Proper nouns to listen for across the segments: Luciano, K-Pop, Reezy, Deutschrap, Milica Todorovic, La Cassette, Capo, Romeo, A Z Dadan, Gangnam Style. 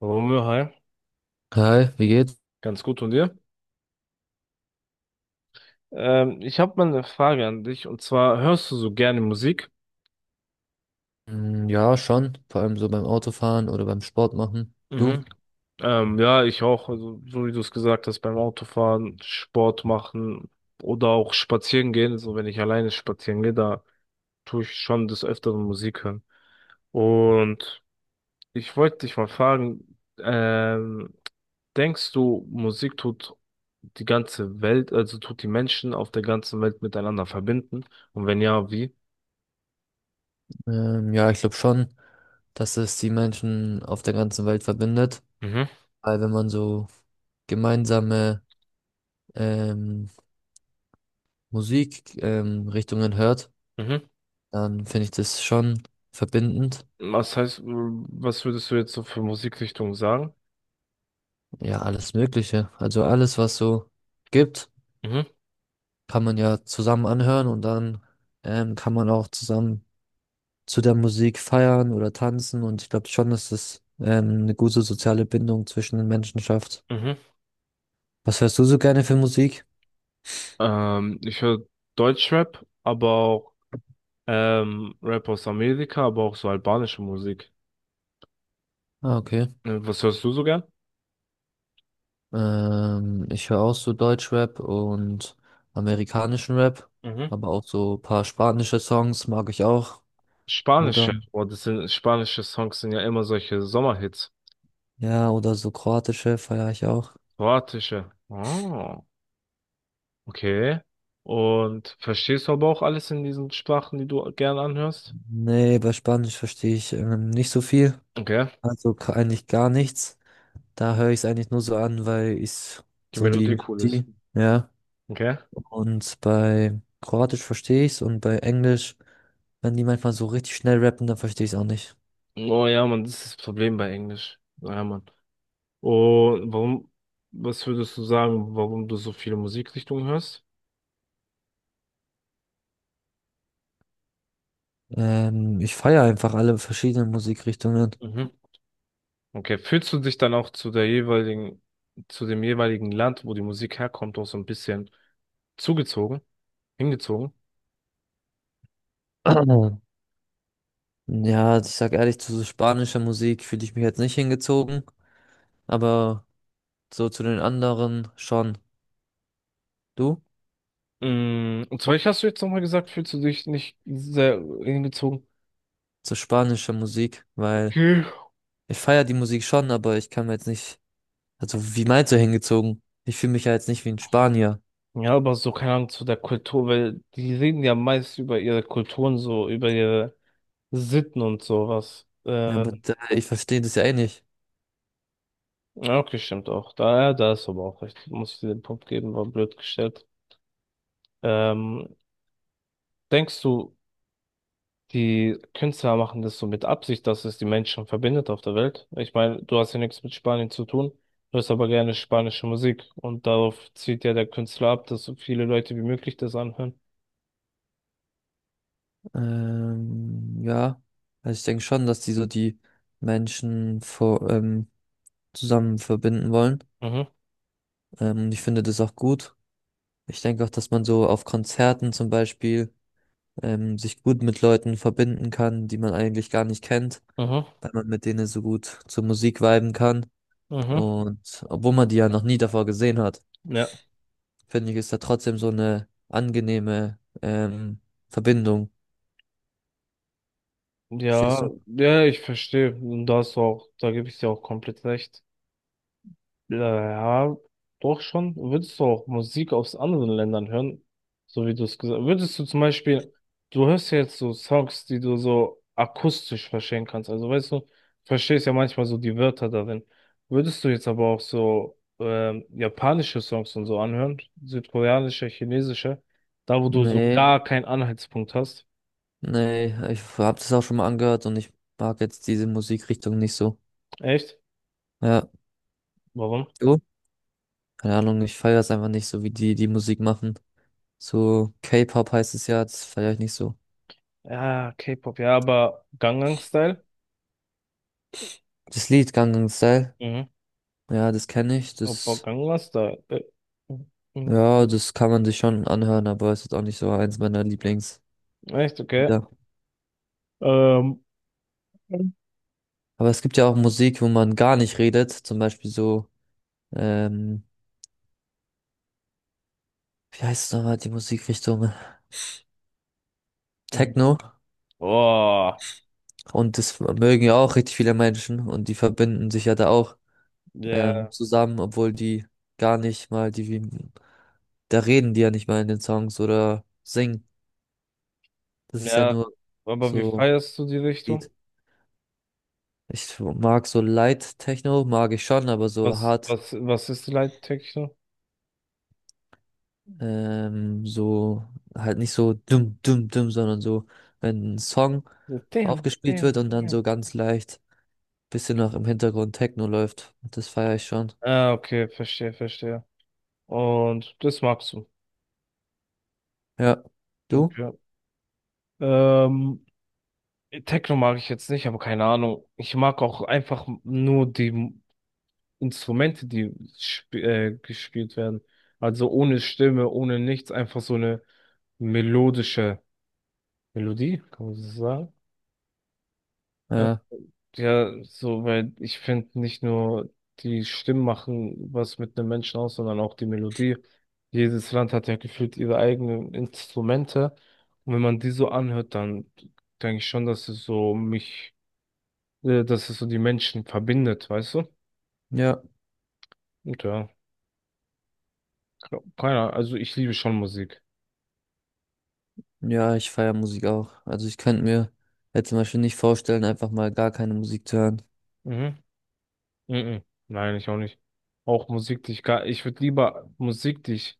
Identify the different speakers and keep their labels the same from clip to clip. Speaker 1: Romeo, hi.
Speaker 2: Hi, wie geht's?
Speaker 1: Ganz gut und dir? Ich habe mal eine Frage an dich und zwar hörst du so gerne Musik?
Speaker 2: Mm, ja, schon. Vor allem so beim Autofahren oder beim Sport machen. Du?
Speaker 1: Mhm. Ja, ich auch. Also, so wie du es gesagt hast, beim Autofahren, Sport machen oder auch spazieren gehen. So wenn ich alleine spazieren gehe, da tue ich schon des Öfteren Musik hören. Und ich wollte dich mal fragen, denkst du, Musik tut die ganze Welt, also tut die Menschen auf der ganzen Welt miteinander verbinden? Und wenn ja, wie?
Speaker 2: Ja, ich glaube schon, dass es die Menschen auf der ganzen Welt verbindet.
Speaker 1: Mhm.
Speaker 2: Weil wenn man so gemeinsame ähm, Musik Richtungen hört,
Speaker 1: Mhm.
Speaker 2: dann finde ich das schon verbindend.
Speaker 1: Was heißt, was würdest du jetzt so für Musikrichtungen sagen?
Speaker 2: Ja, alles Mögliche. Also alles, was so gibt,
Speaker 1: Mhm.
Speaker 2: kann man ja zusammen anhören und dann kann man auch zusammen zu der Musik feiern oder tanzen, und ich glaube schon, dass das eine gute soziale Bindung zwischen den Menschen schafft.
Speaker 1: Mhm.
Speaker 2: Was hörst du so gerne für Musik?
Speaker 1: Ich höre Deutschrap, aber auch Rap aus Amerika, aber auch so albanische Musik.
Speaker 2: Ah, okay.
Speaker 1: Was hörst du so gern?
Speaker 2: Ich höre auch so Deutschrap und amerikanischen Rap,
Speaker 1: Mhm.
Speaker 2: aber auch so ein paar spanische Songs mag ich auch. Oder
Speaker 1: Spanische. Boah, das sind spanische Songs sind ja immer solche Sommerhits.
Speaker 2: ja, oder so kroatische feiere ich auch.
Speaker 1: Kroatische. Oh, okay. Und verstehst du aber auch alles in diesen Sprachen, die du gern anhörst?
Speaker 2: Nee, bei Spanisch verstehe ich nicht so viel.
Speaker 1: Okay.
Speaker 2: Also eigentlich gar nichts. Da höre ich es eigentlich nur so an, weil ich
Speaker 1: Die
Speaker 2: so die
Speaker 1: Melodie cool ist.
Speaker 2: Melodie, ja.
Speaker 1: Okay.
Speaker 2: Und bei Kroatisch verstehe ich's, und bei Englisch, wenn die manchmal so richtig schnell rappen, dann verstehe ich es auch nicht.
Speaker 1: Oh ja, Mann, das ist das Problem bei Englisch. Ja, Mann. Und warum, was würdest du sagen, warum du so viele Musikrichtungen hörst?
Speaker 2: Ich feiere einfach alle verschiedenen Musikrichtungen.
Speaker 1: Mhm. Okay, fühlst du dich dann auch zu der jeweiligen, zu dem jeweiligen Land, wo die Musik herkommt, auch so ein bisschen zugezogen, hingezogen?
Speaker 2: Ja, also ich sag ehrlich, zu so spanischer Musik fühle ich mich jetzt nicht hingezogen, aber so zu den anderen schon. Du?
Speaker 1: Mm, und zwar, ich hast du jetzt nochmal gesagt, fühlst du dich nicht sehr hingezogen?
Speaker 2: Zu spanischer Musik, weil
Speaker 1: Okay.
Speaker 2: ich feiere die Musik schon, aber ich kann mir jetzt nicht, also wie meinst du hingezogen? Ich fühle mich ja jetzt nicht wie ein Spanier.
Speaker 1: Ja, aber so, keine Ahnung, zu der Kultur, weil die reden ja meist über ihre Kulturen, so, über ihre Sitten und sowas.
Speaker 2: Ja, aber ich verstehe das ja eh nicht.
Speaker 1: Ja, okay, stimmt auch. Da, ja, da ist aber auch recht. Muss ich dir den Punkt geben, war blöd gestellt. Ähm, denkst du, die Künstler machen das so mit Absicht, dass es die Menschen verbindet auf der Welt? Ich meine, du hast ja nichts mit Spanien zu tun, du hörst aber gerne spanische Musik und darauf zielt ja der Künstler ab, dass so viele Leute wie möglich das anhören.
Speaker 2: Ja, also ich denke schon, dass die so die Menschen zusammen verbinden wollen.
Speaker 1: Mhm,
Speaker 2: Und ich finde das auch gut. Ich denke auch, dass man so auf Konzerten zum Beispiel sich gut mit Leuten verbinden kann, die man eigentlich gar nicht kennt,
Speaker 1: mhm,
Speaker 2: weil man mit denen so gut zur Musik viben kann.
Speaker 1: mhm.
Speaker 2: Und obwohl man die ja noch nie davor gesehen hat,
Speaker 1: Ja.
Speaker 2: finde ich, ist da trotzdem so eine angenehme Verbindung. Verstehst
Speaker 1: Ja,
Speaker 2: du?
Speaker 1: ja, ich verstehe. Und da hast du auch, da gebe ich dir auch komplett recht. Ja, ja, doch schon. Würdest du auch Musik aus anderen Ländern hören? So wie du es gesagt hast. Würdest du zum Beispiel, du hörst ja jetzt so Songs, die du so akustisch verstehen kannst. Also weißt du, verstehst ja manchmal so die Wörter darin. Würdest du jetzt aber auch so japanische Songs und so anhören? Südkoreanische, chinesische? Da, wo du so
Speaker 2: Nee.
Speaker 1: gar keinen Anhaltspunkt hast.
Speaker 2: Nee, ich habe das auch schon mal angehört, und ich mag jetzt diese Musikrichtung nicht so.
Speaker 1: Echt?
Speaker 2: Ja,
Speaker 1: Warum?
Speaker 2: du? Keine Ahnung, ich feiere es einfach nicht so, wie die die Musik machen. So K-Pop heißt es ja, das feiere ich nicht so.
Speaker 1: Ja, K-Pop, ja, aber Gangnam Style?
Speaker 2: Das Lied Gangnam Style,
Speaker 1: Mhm.
Speaker 2: ja, das kenne ich,
Speaker 1: Opa,
Speaker 2: das,
Speaker 1: Gangnam Style. Äh,
Speaker 2: ja, das kann man sich schon anhören, aber es ist auch nicht so eins meiner Lieblings.
Speaker 1: Echt, okay.
Speaker 2: Ja.
Speaker 1: Ähm,
Speaker 2: Aber es gibt ja auch Musik, wo man gar nicht redet, zum Beispiel so, ähm, wie heißt es nochmal, die Musikrichtung?
Speaker 1: mhm.
Speaker 2: Techno.
Speaker 1: Boah,
Speaker 2: Und das mögen ja auch richtig viele Menschen, und die verbinden sich ja da auch.
Speaker 1: ja,
Speaker 2: Zusammen, obwohl die gar nicht mal die, wie, da reden die ja nicht mal in den Songs oder singen. Das ist ja
Speaker 1: ja,
Speaker 2: nur
Speaker 1: aber wie
Speaker 2: so
Speaker 1: feierst du die Richtung?
Speaker 2: Beat. Ich mag so Light Techno, mag ich schon, aber so
Speaker 1: Was,
Speaker 2: hart,
Speaker 1: was, was ist die Leittechno?
Speaker 2: so halt nicht so dumm, dumm, dumm, sondern so, wenn ein Song
Speaker 1: Damn,
Speaker 2: aufgespielt wird
Speaker 1: damn,
Speaker 2: und dann
Speaker 1: damn.
Speaker 2: so ganz leicht bisschen noch im Hintergrund Techno läuft. Das feiere ich schon.
Speaker 1: Ah, okay, verstehe, verstehe. Und das magst du.
Speaker 2: Ja. Du?
Speaker 1: Okay. Ähm, Techno mag ich jetzt nicht, aber keine Ahnung. Ich mag auch einfach nur die Instrumente, die sp gespielt werden. Also ohne Stimme, ohne nichts, einfach so eine melodische. Melodie, kann man so sagen. Äh,
Speaker 2: Ja.
Speaker 1: ja, so, weil ich finde, nicht nur die Stimmen machen was mit einem Menschen aus, sondern auch die Melodie. Jedes Land hat ja gefühlt ihre eigenen Instrumente. Und wenn man die so anhört, dann denke ich schon, dass es so mich, dass es so die Menschen verbindet, weißt du?
Speaker 2: Ja.
Speaker 1: Und ja, keiner, also ich liebe schon Musik.
Speaker 2: Ja, ich feiere Musik auch. Also ich könnte mir jetzt zum Beispiel nicht vorstellen, einfach mal gar keine Musik zu hören.
Speaker 1: Mhm. Mhm. Nein, ich auch nicht. Auch Musik, die ich gar, ich würde lieber Musik, die ich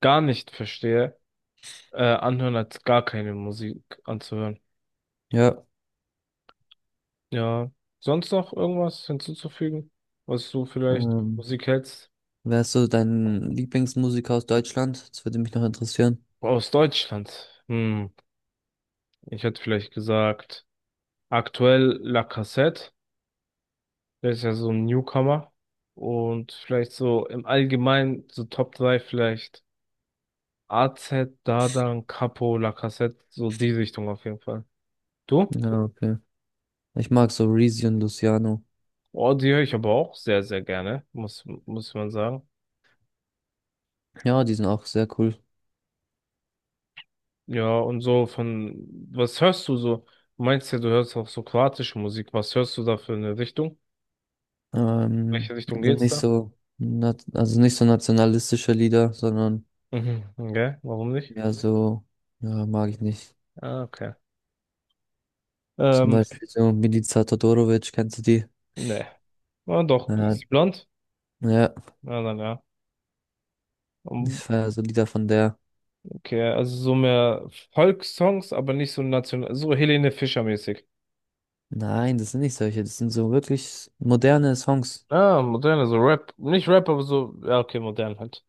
Speaker 1: gar nicht verstehe, anhören, als gar keine Musik anzuhören.
Speaker 2: Ja.
Speaker 1: Ja, sonst noch irgendwas hinzuzufügen, was du vielleicht
Speaker 2: Ähm,
Speaker 1: Musik hältst?
Speaker 2: Wer ist so dein Lieblingsmusiker aus Deutschland? Das würde mich noch interessieren.
Speaker 1: Aus Deutschland. Hm, ich hätte vielleicht gesagt, aktuell La Cassette, der ist ja so ein Newcomer. Und vielleicht so im Allgemeinen, so Top 3 vielleicht AZ Dadan, Capo, La Cassette, so die Richtung auf jeden Fall. Du?
Speaker 2: Ja, okay. Ich mag so Reezy und Luciano.
Speaker 1: Oh, die höre ich aber auch sehr, sehr gerne, muss, muss man sagen.
Speaker 2: Ja, die sind auch sehr cool.
Speaker 1: Ja, und so von, was hörst du so? Du meinst ja, du hörst auch so kroatische Musik. Was hörst du da für eine Richtung?
Speaker 2: Ähm,
Speaker 1: Welche Richtung
Speaker 2: also
Speaker 1: geht's
Speaker 2: nicht ja,
Speaker 1: da?
Speaker 2: so, nat also nicht so nationalistische Lieder, sondern
Speaker 1: Mhm, okay, warum nicht?
Speaker 2: ja so, ja, mag ich nicht.
Speaker 1: Ah, okay.
Speaker 2: Zum
Speaker 1: Ähm,
Speaker 2: Beispiel so Milica Todorovic, kennst du die?
Speaker 1: ne. Ja, doch,
Speaker 2: Ja,
Speaker 1: ist sie blond?
Speaker 2: ja,
Speaker 1: Ja, dann ja.
Speaker 2: ich
Speaker 1: Um,
Speaker 2: feiere so Lieder von der.
Speaker 1: okay, also so mehr Volkssongs, aber nicht so national, so Helene Fischer-mäßig.
Speaker 2: Nein, das sind nicht solche, das sind so wirklich moderne Songs.
Speaker 1: Ah, moderne, so Rap. Nicht Rap, aber so, ja, okay, modern halt.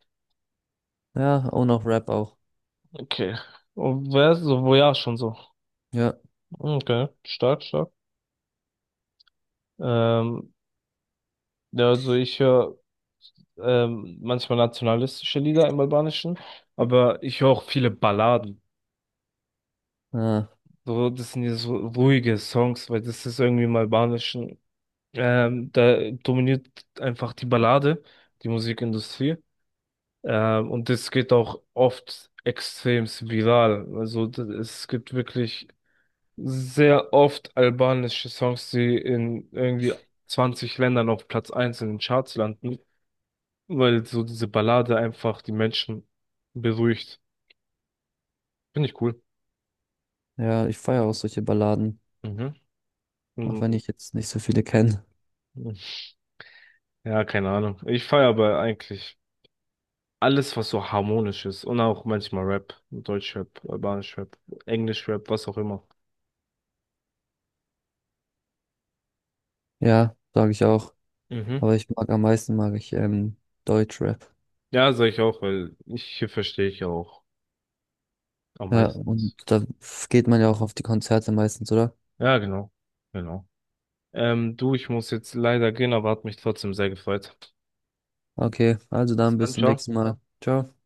Speaker 2: Ja, und auch Rap auch.
Speaker 1: Okay. Und wer ist so, wo ja, schon so.
Speaker 2: Ja,
Speaker 1: Okay, stark, stark. Ähm, ja, also ich höre manchmal nationalistische Lieder im Albanischen, aber ich höre auch viele Balladen.
Speaker 2: ah,
Speaker 1: So, das sind ja so ruhige Songs, weil das ist irgendwie im Albanischen. Da dominiert einfach die Ballade, die Musikindustrie. Und das geht auch oft extrem viral. Also es gibt wirklich sehr oft albanische Songs, die in irgendwie 20 Ländern auf Platz 1 in den Charts landen, weil so diese Ballade einfach die Menschen beruhigt. Finde ich cool.
Speaker 2: ja, ich feiere auch solche Balladen,
Speaker 1: Mhm.
Speaker 2: auch wenn
Speaker 1: Mhm.
Speaker 2: ich jetzt nicht so viele kenne.
Speaker 1: Ja, keine Ahnung. Ich feiere aber eigentlich alles, was so harmonisch ist. Und auch manchmal Rap, Deutschrap, Albanisch Rap, Englisch Rap, was auch immer.
Speaker 2: Ja, sage ich auch.
Speaker 1: Mhm.
Speaker 2: Aber ich mag am meisten, mag ich Deutschrap.
Speaker 1: Ja, sag ich auch, weil ich, hier verstehe ich ja auch am
Speaker 2: Ja,
Speaker 1: meisten.
Speaker 2: und
Speaker 1: Was.
Speaker 2: da geht man ja auch auf die Konzerte meistens, oder?
Speaker 1: Ja, genau. Genau. Du, ich muss jetzt leider gehen, aber hat mich trotzdem sehr gefreut.
Speaker 2: Okay, also
Speaker 1: Bis
Speaker 2: dann bis
Speaker 1: dann,
Speaker 2: zum
Speaker 1: ciao.
Speaker 2: nächsten Mal. Ciao.